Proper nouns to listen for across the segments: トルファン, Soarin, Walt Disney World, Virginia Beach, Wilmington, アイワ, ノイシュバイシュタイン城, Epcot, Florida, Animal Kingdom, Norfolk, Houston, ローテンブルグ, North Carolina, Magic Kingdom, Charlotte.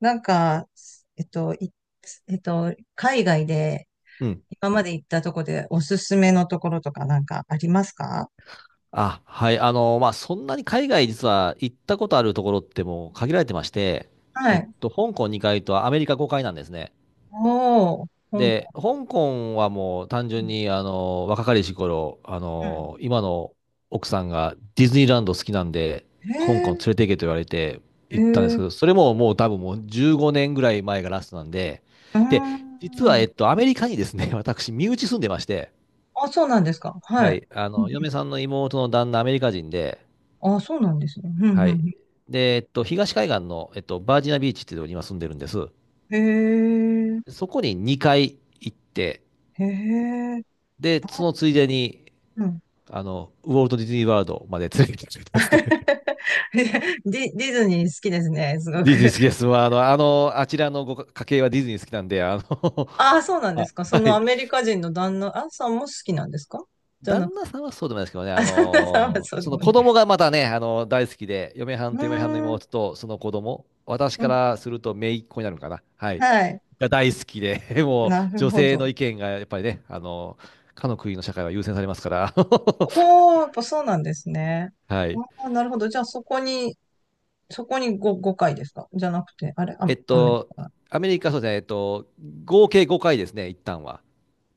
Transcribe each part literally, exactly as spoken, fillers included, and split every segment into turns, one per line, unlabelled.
なんか、えっと、い、えっと、海外で
うん。
今まで行ったとこでおすすめのところとかなんかありますか？
あ、はい。あの、まあ、そんなに海外実は行ったことあるところってもう限られてまして、
は
えっ
い。
と、香港にかいとアメリカごかいなんですね。
おー、香
で、
港。
香港はもう単純に、あの、若かりし頃、あ
うん。
の、今の奥さんがディズニーランド好きなんで、
へ
香港連
え
れて行けと言われて
へえ
行ったんですけ
う
ど、それももう多分もうじゅうごねんぐらい前がラストなんで、
ー
で、実は、え
ん。
っと、アメリカにですね、私、身内住んでまして、
あ、そうなんですか。は
は
い。
い、あ
うん
の、
うん
嫁さんの妹の旦那、アメリカ人で、
あ、そうなんですね。うん、うん、
は
う
い。
ん。
で、えっと、東海岸の、えっと、バージニアビーチっていうところに今住んでるんです。
へえ
そこににかい行って、
へえ
で、そのついでに、
うん。
あの、ウォルト・ディズニー・ワールドまで連れてきてくれたんですね。
ディ、ディズニー好きですね、す ご
ディズニ
く。
ー好きです。まあ、あの、あの、あちらのご家系はディズニー好きなんで、あの、
ああ、そうな んで
あ
すか。そ
は
のア
い。
メリカ人の旦那、あさんも好きなんですか？じゃな
旦那さんはそうでもないですけどね、
あ、
あ
旦那さんは
の
そ
ー
うで
そ
も
の子
な
供
い。
がまたね、あのー大好きで、嫁は
う
んと嫁はんの
ーん、
妹とその子供、私
う
か
ん、
らすると姪っ子になるのかな、はい、
はい。
が大好きで、もう
なる
女
ほ
性
ど。
の意見がやっぱりね、あのーかの国の社会は優先されますから、
おー、やっぱそうなんですね。
はい。
あー、なるほど。じゃあそこに、そこにご、ごかいですかじゃなくて、あれ、ア
え
メ
っ
アメリ
と、
カ。
アメリカ、そうですね、えっと、合計ごかいですね、一旦は。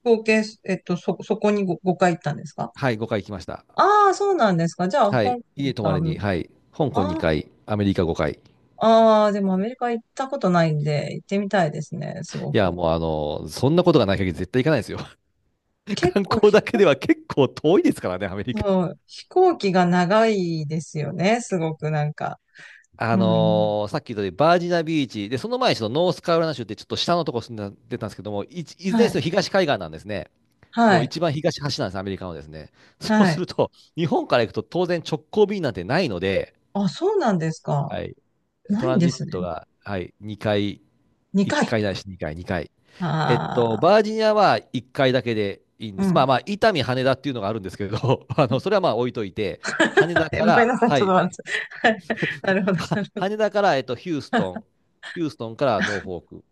合計、えっと、そ、そこにご、ごかい行ったんですか？
はい、ごかい行きました。
ああー、そうなんですか。じゃあ、
は
香
い、
港
家泊
と
ま
ア
り
メ、
に、はい、香港
あー
にかい、アメリカごかい。
あー、でもアメリカ行ったことないんで、行ってみたいですね、すご
いや、
く。
もうあのーそんなことがない限り絶対行かないですよ。
結
観
構
光
飛
だけで
行、
は結構遠いですからね、アメリカ。
そう、飛行機が長いですよね、すごくなんか。
あ
うん。
のーさっき言ったようにバージナビーチ、で、その前にそのノースカロライナ州ってちょっと下のとこ住んでたたんですけども、い、いずれ
は
にせよ
い。
東海岸なんですね。も
は
う
い。
一番東端なんです、アメリカのですね。そう
は
す
い。
ると、日本から行くと当然直行便なんてないので、
あ、そうなんですか。
はい、ト
ない
ラ
ん
ン
で
ジッ
す
ト
ね。
が、はい、にかい、1
にかい。
回ないしにかい、にかい。えっと、
ああ、
バージニアはいっかいだけでいいんで
う
す。まあ
ん。
まあ、伊丹、羽田っていうのがあるんですけれど、あの、それはまあ置いといて、羽田
え、
か
ごめん
ら、
なさい。
は
ちょっと
い、
笑っちゃった。はい。なるほど、
は
なるほ
羽
ど。
田から、えっと、ヒューストン、ヒューストンからノーフォーク。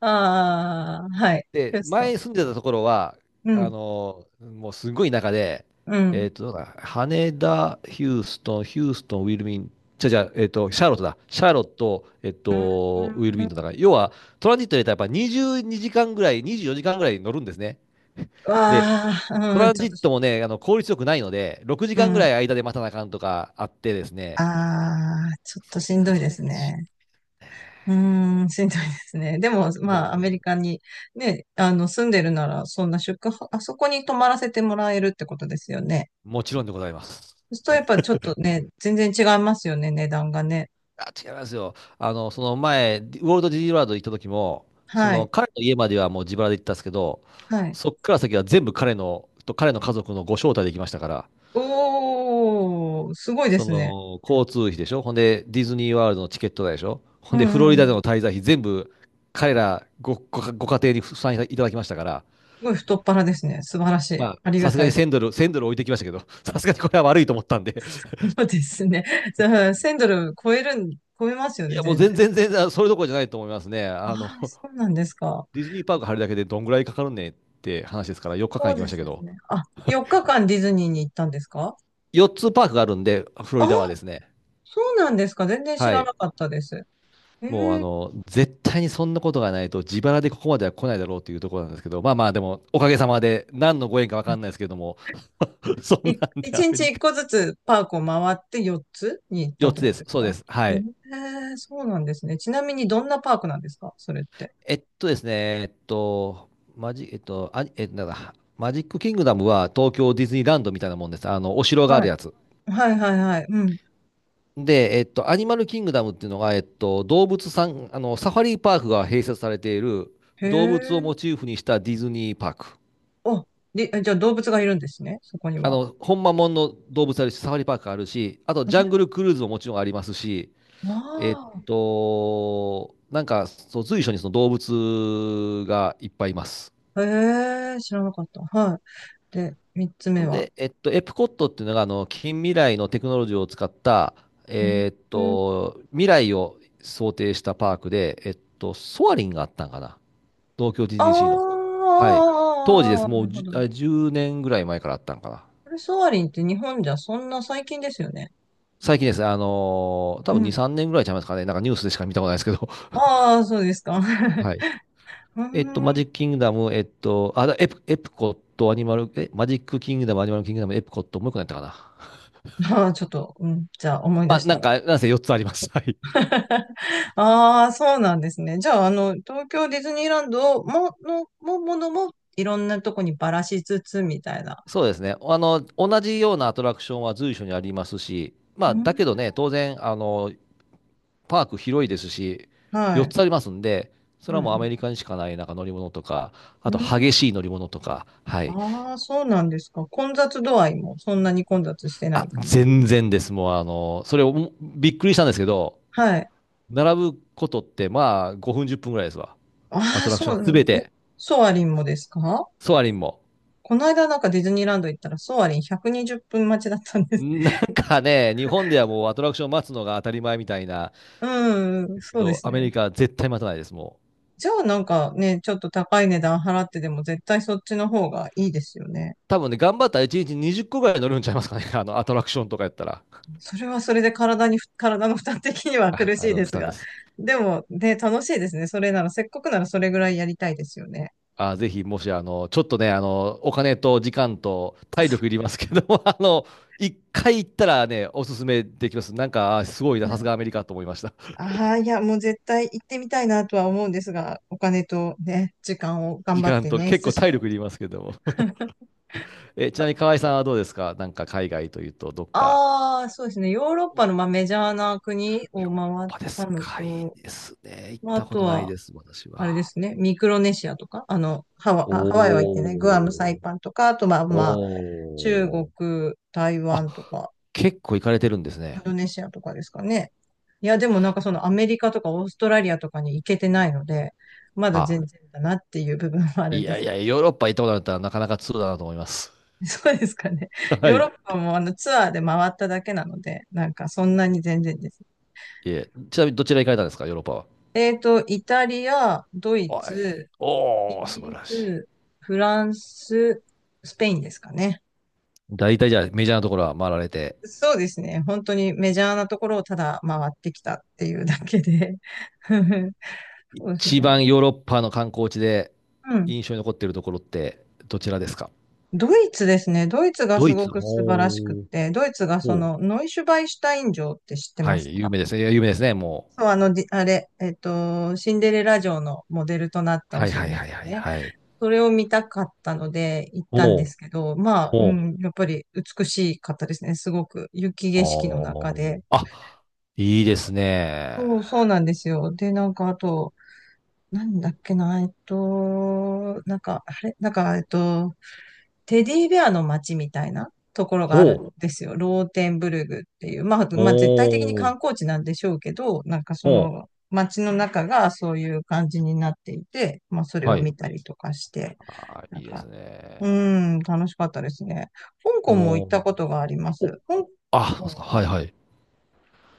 ああ、はい。ヒ
で、
ュースト
前に住
ン。
んでたところは、
う
あ
ん、
のーもうすごい田舎で、
うん。
え
う
っと、どうだ羽田、ヒューストン、ヒューストン、ウィルミン、じゃじゃ、えっと、シャーロットだ。シャーロット、えっと、ウィル
ー
ミン
ん、
トンだから、要は、トランジットで言ったらやっぱにじゅうにじかんぐらい、にじゅうよじかんぐらい乗るんですね。で、
わ
ト
あ、うん、
ラン
ちょ
ジ
っ
ッ
とし
ト
ん
も
どい。
ね、あの効率よくないので、6
う
時間ぐら
ん。
い間で待たなあかんとかあってですね、
ああ、ちょっ
そ
とし
れ
ん
が、
どい
そ
で
れ
す
がし、
ね。うーん、しんどいですね。でも、
も
まあ、アメリカにね、あの、住んでるなら、そんな宿泊、あそこに泊まらせてもらえるってことですよね。
もちろんでございます。
そうするとやっぱちょっとね、全然違いますよね、値段がね。
あ、違いますよ。あの、その前、ウォルト・ディズニーワールド行った時も、そ
は
の
い。
彼の家まではもう自腹で行ったんですけど、
はい。
そっから先は全部彼の、と彼の家族のご招待で行きましたから、
おー、すごいで
そ
すね。
の交通費でしょ、ほんでディズニーワールドのチケット代でしょ、
う
ほんでフロリ
んう
ダで
ん。
の滞在費全部彼らご、ご、ご家庭に負担いただきましたから、
すごい太っ腹ですね。素晴らしい。
まあ、
あり
さ
が
すが
たい。
にせんドル、いちドル置いてきましたけど、さすがにこれは悪いと思ったんで、
そうですね。じゃあ、せんドル超えるん、超えますよ
い
ね、
や、もう
全然。
全然全然、それどころじゃないと思いますね。あの、
ああ、そうなんですか。
ディズニーパーク入るだけでどんぐらいかかるねって話ですから、4日
そ
間行
う
き
で
ました
す
け
よ
ど、
ね。あ、よっかかんディズニーに行ったんですか？
よっつパークがあるんで、フロ
あ
リ
あ
ダはですね、
そうなんですか。全然知
は
らな
い、
かったです。え
もうあ
え、
の、絶対にそんなことがないと、自腹でここまでは来ないだろうというところなんですけど、まあまあ、でも、おかげさまで、何のご縁か分かんないですけども、そん
い
なんで
一
アメ
日
リ
一
カ。
個ずつパークを回ってよっつに行ったっ
4
て
つ
こ
で
とで
す、
す
そうで
か？
す、は
へ
い。
え、そうなんですね。ちなみにどんなパークなんですかそれって？
えっとですね、えっと、マジ、えっと、あ、え、なんだ、マジックキングダムは東京ディズニーランドみたいなもんです。あの、お城があ
は
る
い。
やつ。
はいはいはい。うん。
で、えっと、アニマルキングダムっていうのが、えっと、動物さん、あの、サファリパークが併設されている
へ
動物を
え。
モチーフにしたディズニーパーク。
あ、で、じゃあ動物がいるんですね。そこに
あ
は。
の、ほんまもんの動物あるし、サファリパークあるし、あとジャングルクルーズももちろんありますし、えっ
あ
と、なんか、そう、随所にその動物がいっぱいいます。
あ。へえ、知らなかった。はい。で、三つ
ほ
目
ん
は？
で、えっと、エプコットっていうのが、あの、近未来のテクノロジーを使った、
うん
えっと、未来を想定したパークで、えっと、ソアリンがあったんかな。東京 ティージーシー の。
ああ
はい。当時です。
ー、
も
な
う
る
じ
ほ
ゅ
ど。
あれじゅうねんぐらい前からあったんかな。
これソアリンって日本じゃそんな最近ですよね？
最近ですね、あのー多
う
分に、
ん。
さんねんぐらいちゃいますかね。なんかニュースでしか見たことないですけど。
ああ、そうですか。
はい。
う
えっと、
ー
マ
ん。
ジックキングダム、えっと、あ、だエプ、エプコット、アニマル、え、マジックキングダム、アニマルキングダム、エプコット、もう一個何やったかな。
ああ、ちょっと、うん、じゃあ思い出
まあ、
し
な
た
ん
ら。
か、なんせよっつあります。はい。
ああ、そうなんですね。じゃあ、あの、東京ディズニーランドも、の、も、ものも、いろんなとこにばらしつつ、みたいな。
そうですね。あの、同じようなアトラクションは随所にありますし、ま
う
あ、
ん、
だけどね、当然、あの、パーク広いですし、
は
4
い。
つありますんで、そ
う
れはもうアメ
ん、
リカにしかないなんか乗り物とか、あ
うん。
と激
うん
しい乗り物とか、はい。
ああそうなんですか。混雑度合いも、そんなに混雑してな
あ、
いかな？
全然です。もうあの、それをもびっくりしたんですけど、
はい。
並ぶことってまあごふんじゅっぷんぐらいですわ。ア
あ
ト
あ、
ラクシ
そ
ョン
う、う
す
んえ、
べて、
ソアリンもですか？
ソアリンも。
この間なんかディズニーランド行ったら、ソアリンひゃくにじゅっぷん待ちだったんです。
なんかね、日本ではもうアトラクション待つのが当たり前みたいな、
うん、
ですけ
そうで
ど、
す
アメ
ね。
リカは絶対待たないです、もう。
じゃあなんかね、ちょっと高い値段払ってでも絶対そっちの方がいいですよね。
多分ね、頑張ったらいちにちにじゅっこぐらい乗るんちゃいますかね、あの、アトラクションとかやったら。
それはそれで体に、体の負担的には
あ、
苦
あ
しい
の、
で
負
す
担
が。
です。
でもね、楽しいですね。それなら、せっかくならそれぐらいやりたいですよね。
あー、ぜひ、もし、あの、ちょっとね、あの、お金と時間と体力いりますけども、あの、一回行ったらね、おすすめできます。なんか、あーすごいな、さすがアメリカと思いました。
ああ、いや、もう絶対行ってみたいなとは思うんですが、お金とね、時間を頑
時
張っ
間
て
と、
捻
結
出
構
しな
体
い
力い
と。
りますけども。え、ちなみに河合さんはどうですか？なんか、海外というと、どっか。
ああ、そうですね。ヨーロッ
お
パのまあメジャーな国を
ヨーロッ
回っ
パで
た
す
の
か？いい
と、
ですね。行っ
まああ
たこ
と
とない
は、
です、私
あれで
は。
すね、ミクロネシアとか、あの、ハワ、あハワイは行ってない、グアム、サ
お
イ
ー。
パンとか、あとまあまあ、中
お
国、
ー。
台
あ、
湾とか、
結構行かれてるんです
イン
ね。
ドネシアとかですかね。いや、でもなんかそのアメリカとかオーストラリアとかに行けてないので、まだ
あ、
全然だなっていう部分はある
い
んで
やい
す
や、
が。
ヨーロッパ行ったことあるんだったら、なかなか通だなと思います。
そうですかね。
は
ヨーロ
い。
ッパもあのツアーで回っただけなので、なんかそんなに全然です。
いえ、ちなみにどちら行かれたんですか、ヨーロッパは？
えっと、イタリア、ドイ
おい。
ツ、イ
おー、
ギ
素晴
リ
らしい。
ス、フランス、スペインですかね。
大体じゃあメジャーなところは回られて、
そうですね。本当にメジャーなところをただ回ってきたっていうだけで。そうです
一
ね。
番ヨーロッパの観光地で
うん。
印象に残っているところってどちらですか？
ドイツですね。ドイツが
ド
す
イツ。
ごく素晴らしくっ
おー。
て、ドイツがそ
おー。
のノイシュバイシュタイン城って知って
は
ます
い、有
か？
名ですね。いや有名ですね、もう。
そう、あの、じあれ、えっと、シンデレラ城のモデルとなったお
はい
城
はい
で
は
す
い
よ
はい
ね。
はい。
それを見たかったので行ったん
お
で
ー。
すけど、まあ、う
おー。
ん、やっぱり美しかったですね。すごく雪
あ
景色の中
ー。
で。
あ、いいですね。
そう、そうなんですよ。で、なんかあと、なんだっけな、えっと、なんか、あれ、なんか、えっと、テディベアの街みたいなところがあ
ほ
る
う。
んですよ。ローテンブルグっていう。まあ、まあ、絶対的に
お
観
ー。
光地なんでしょうけど、なんか
お
その
ー。
街の中がそういう感じになっていて、まあ、それ
は
を
い。
見たりとかして、
あー、
なん
いいです
か、うー
ね。
ん、楽しかったですね。香港も行っ
も
たことがありま
う、お、
す。香
あ、そうですか。
港
は
は、
いはい。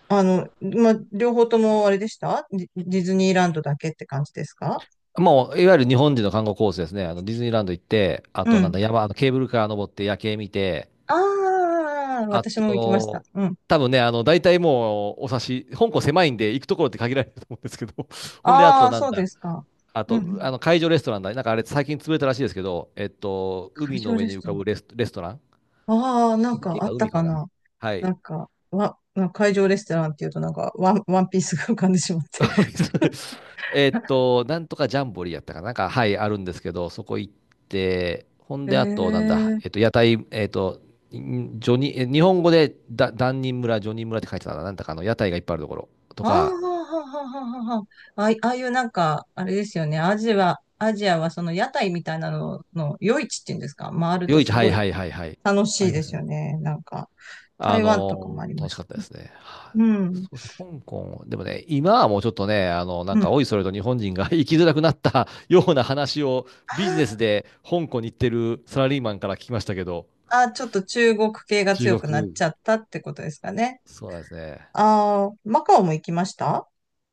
あの、まあ、両方ともあれでした、ディディズニーランドだけって感じですか？
もう、いわゆる日本人の観光コースですね。あの、ディズニーランド行って、あ
う
と、なん
ん。
だ、山、あのケーブルカー登って夜景見て、
ああ、
あ
私も行きました。
と、
うん。
多分ね、あの、大体もう、お察し、香港狭いんで、行くところって限られると思うんですけど、ほんで、あ
あ
と、
あ、
な
そ
ん
う
だ、
ですか。
あ
うんう
と、あ
ん。
の、海上レストランだ。なんかあれ、最近潰れたらしいですけど、えっと、
会
海の
場
上
レ
に
ス
浮
ト
か
ラン。
ぶレス、レストラン
ああ、なんか
池
あ
か
った
海か
か
な。
な。
は
な
い。
んか、わ、なんか会場レストランっていうとなんかワン、ワンピースが浮かんでしまって。
えーっと、なんとかジャンボリーやったかな、なんか、はい、あるんですけど、そこ行って、ほん
へ
で、あと、なんだ、
え。
えっと、屋台、えっと、んジョニー、え日本語で、だ、ダ人村、ジョニー村って書いてたな、なんだかあの、屋台がいっぱいあるところと
ああ、
か、
ははははは。あいああいうなんか、あれですよね。アジア、アジアはその屋台みたいなのの夜市っていうんですか？回ると
夜市、
す
は
ご
い
い
はいはいはい。
楽
あ
しい
りま
で
した
す
ね。
よね。なんか、
あ
台湾とかも
の
あり
ー
ま
楽し
し
かっ
た。
たですね。はい
うん。
そうですね、香港、でもね、今はもうちょっとね、あの、な
う
んか、
ん。
おいそれと日本人が 生きづらくなったような話をビジネ
あ
スで香港に行ってるサラリーマンから聞きましたけど、
あ、ちょっと中国系が
中
強くなっ
国、
ちゃったってことですかね。
そうなんですね。
ああ、マカオも行きました？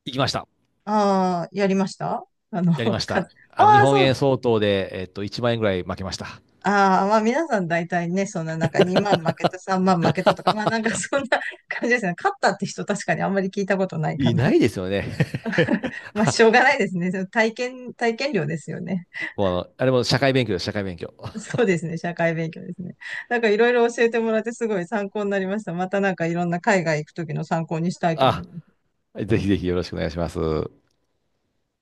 行きました。
ああー、やりました？あの、
やりま し
か、あ
た。あの、日
あ、
本
そ
円
う。
相当で、えっと、いちまん円ぐらい負けました。
ああ、まあ皆さん大体ね、そんななんかにまん負けた、さんまん負けたとか、まあなんかそんな感じですね。勝ったって人確かにあんまり聞いたことないか
いな
な。
いですよね。
まあしょうがないですね。その体験、体験料ですよね。
もうあの、あれも社会勉強です、社会勉強。
そうですね。社会勉強ですね。なんかいろいろ教えてもらってすごい参考になりました。またなんかいろんな海外行くときの参考にしたいと思
あ、
います。
ぜひぜひよろしくお願いします。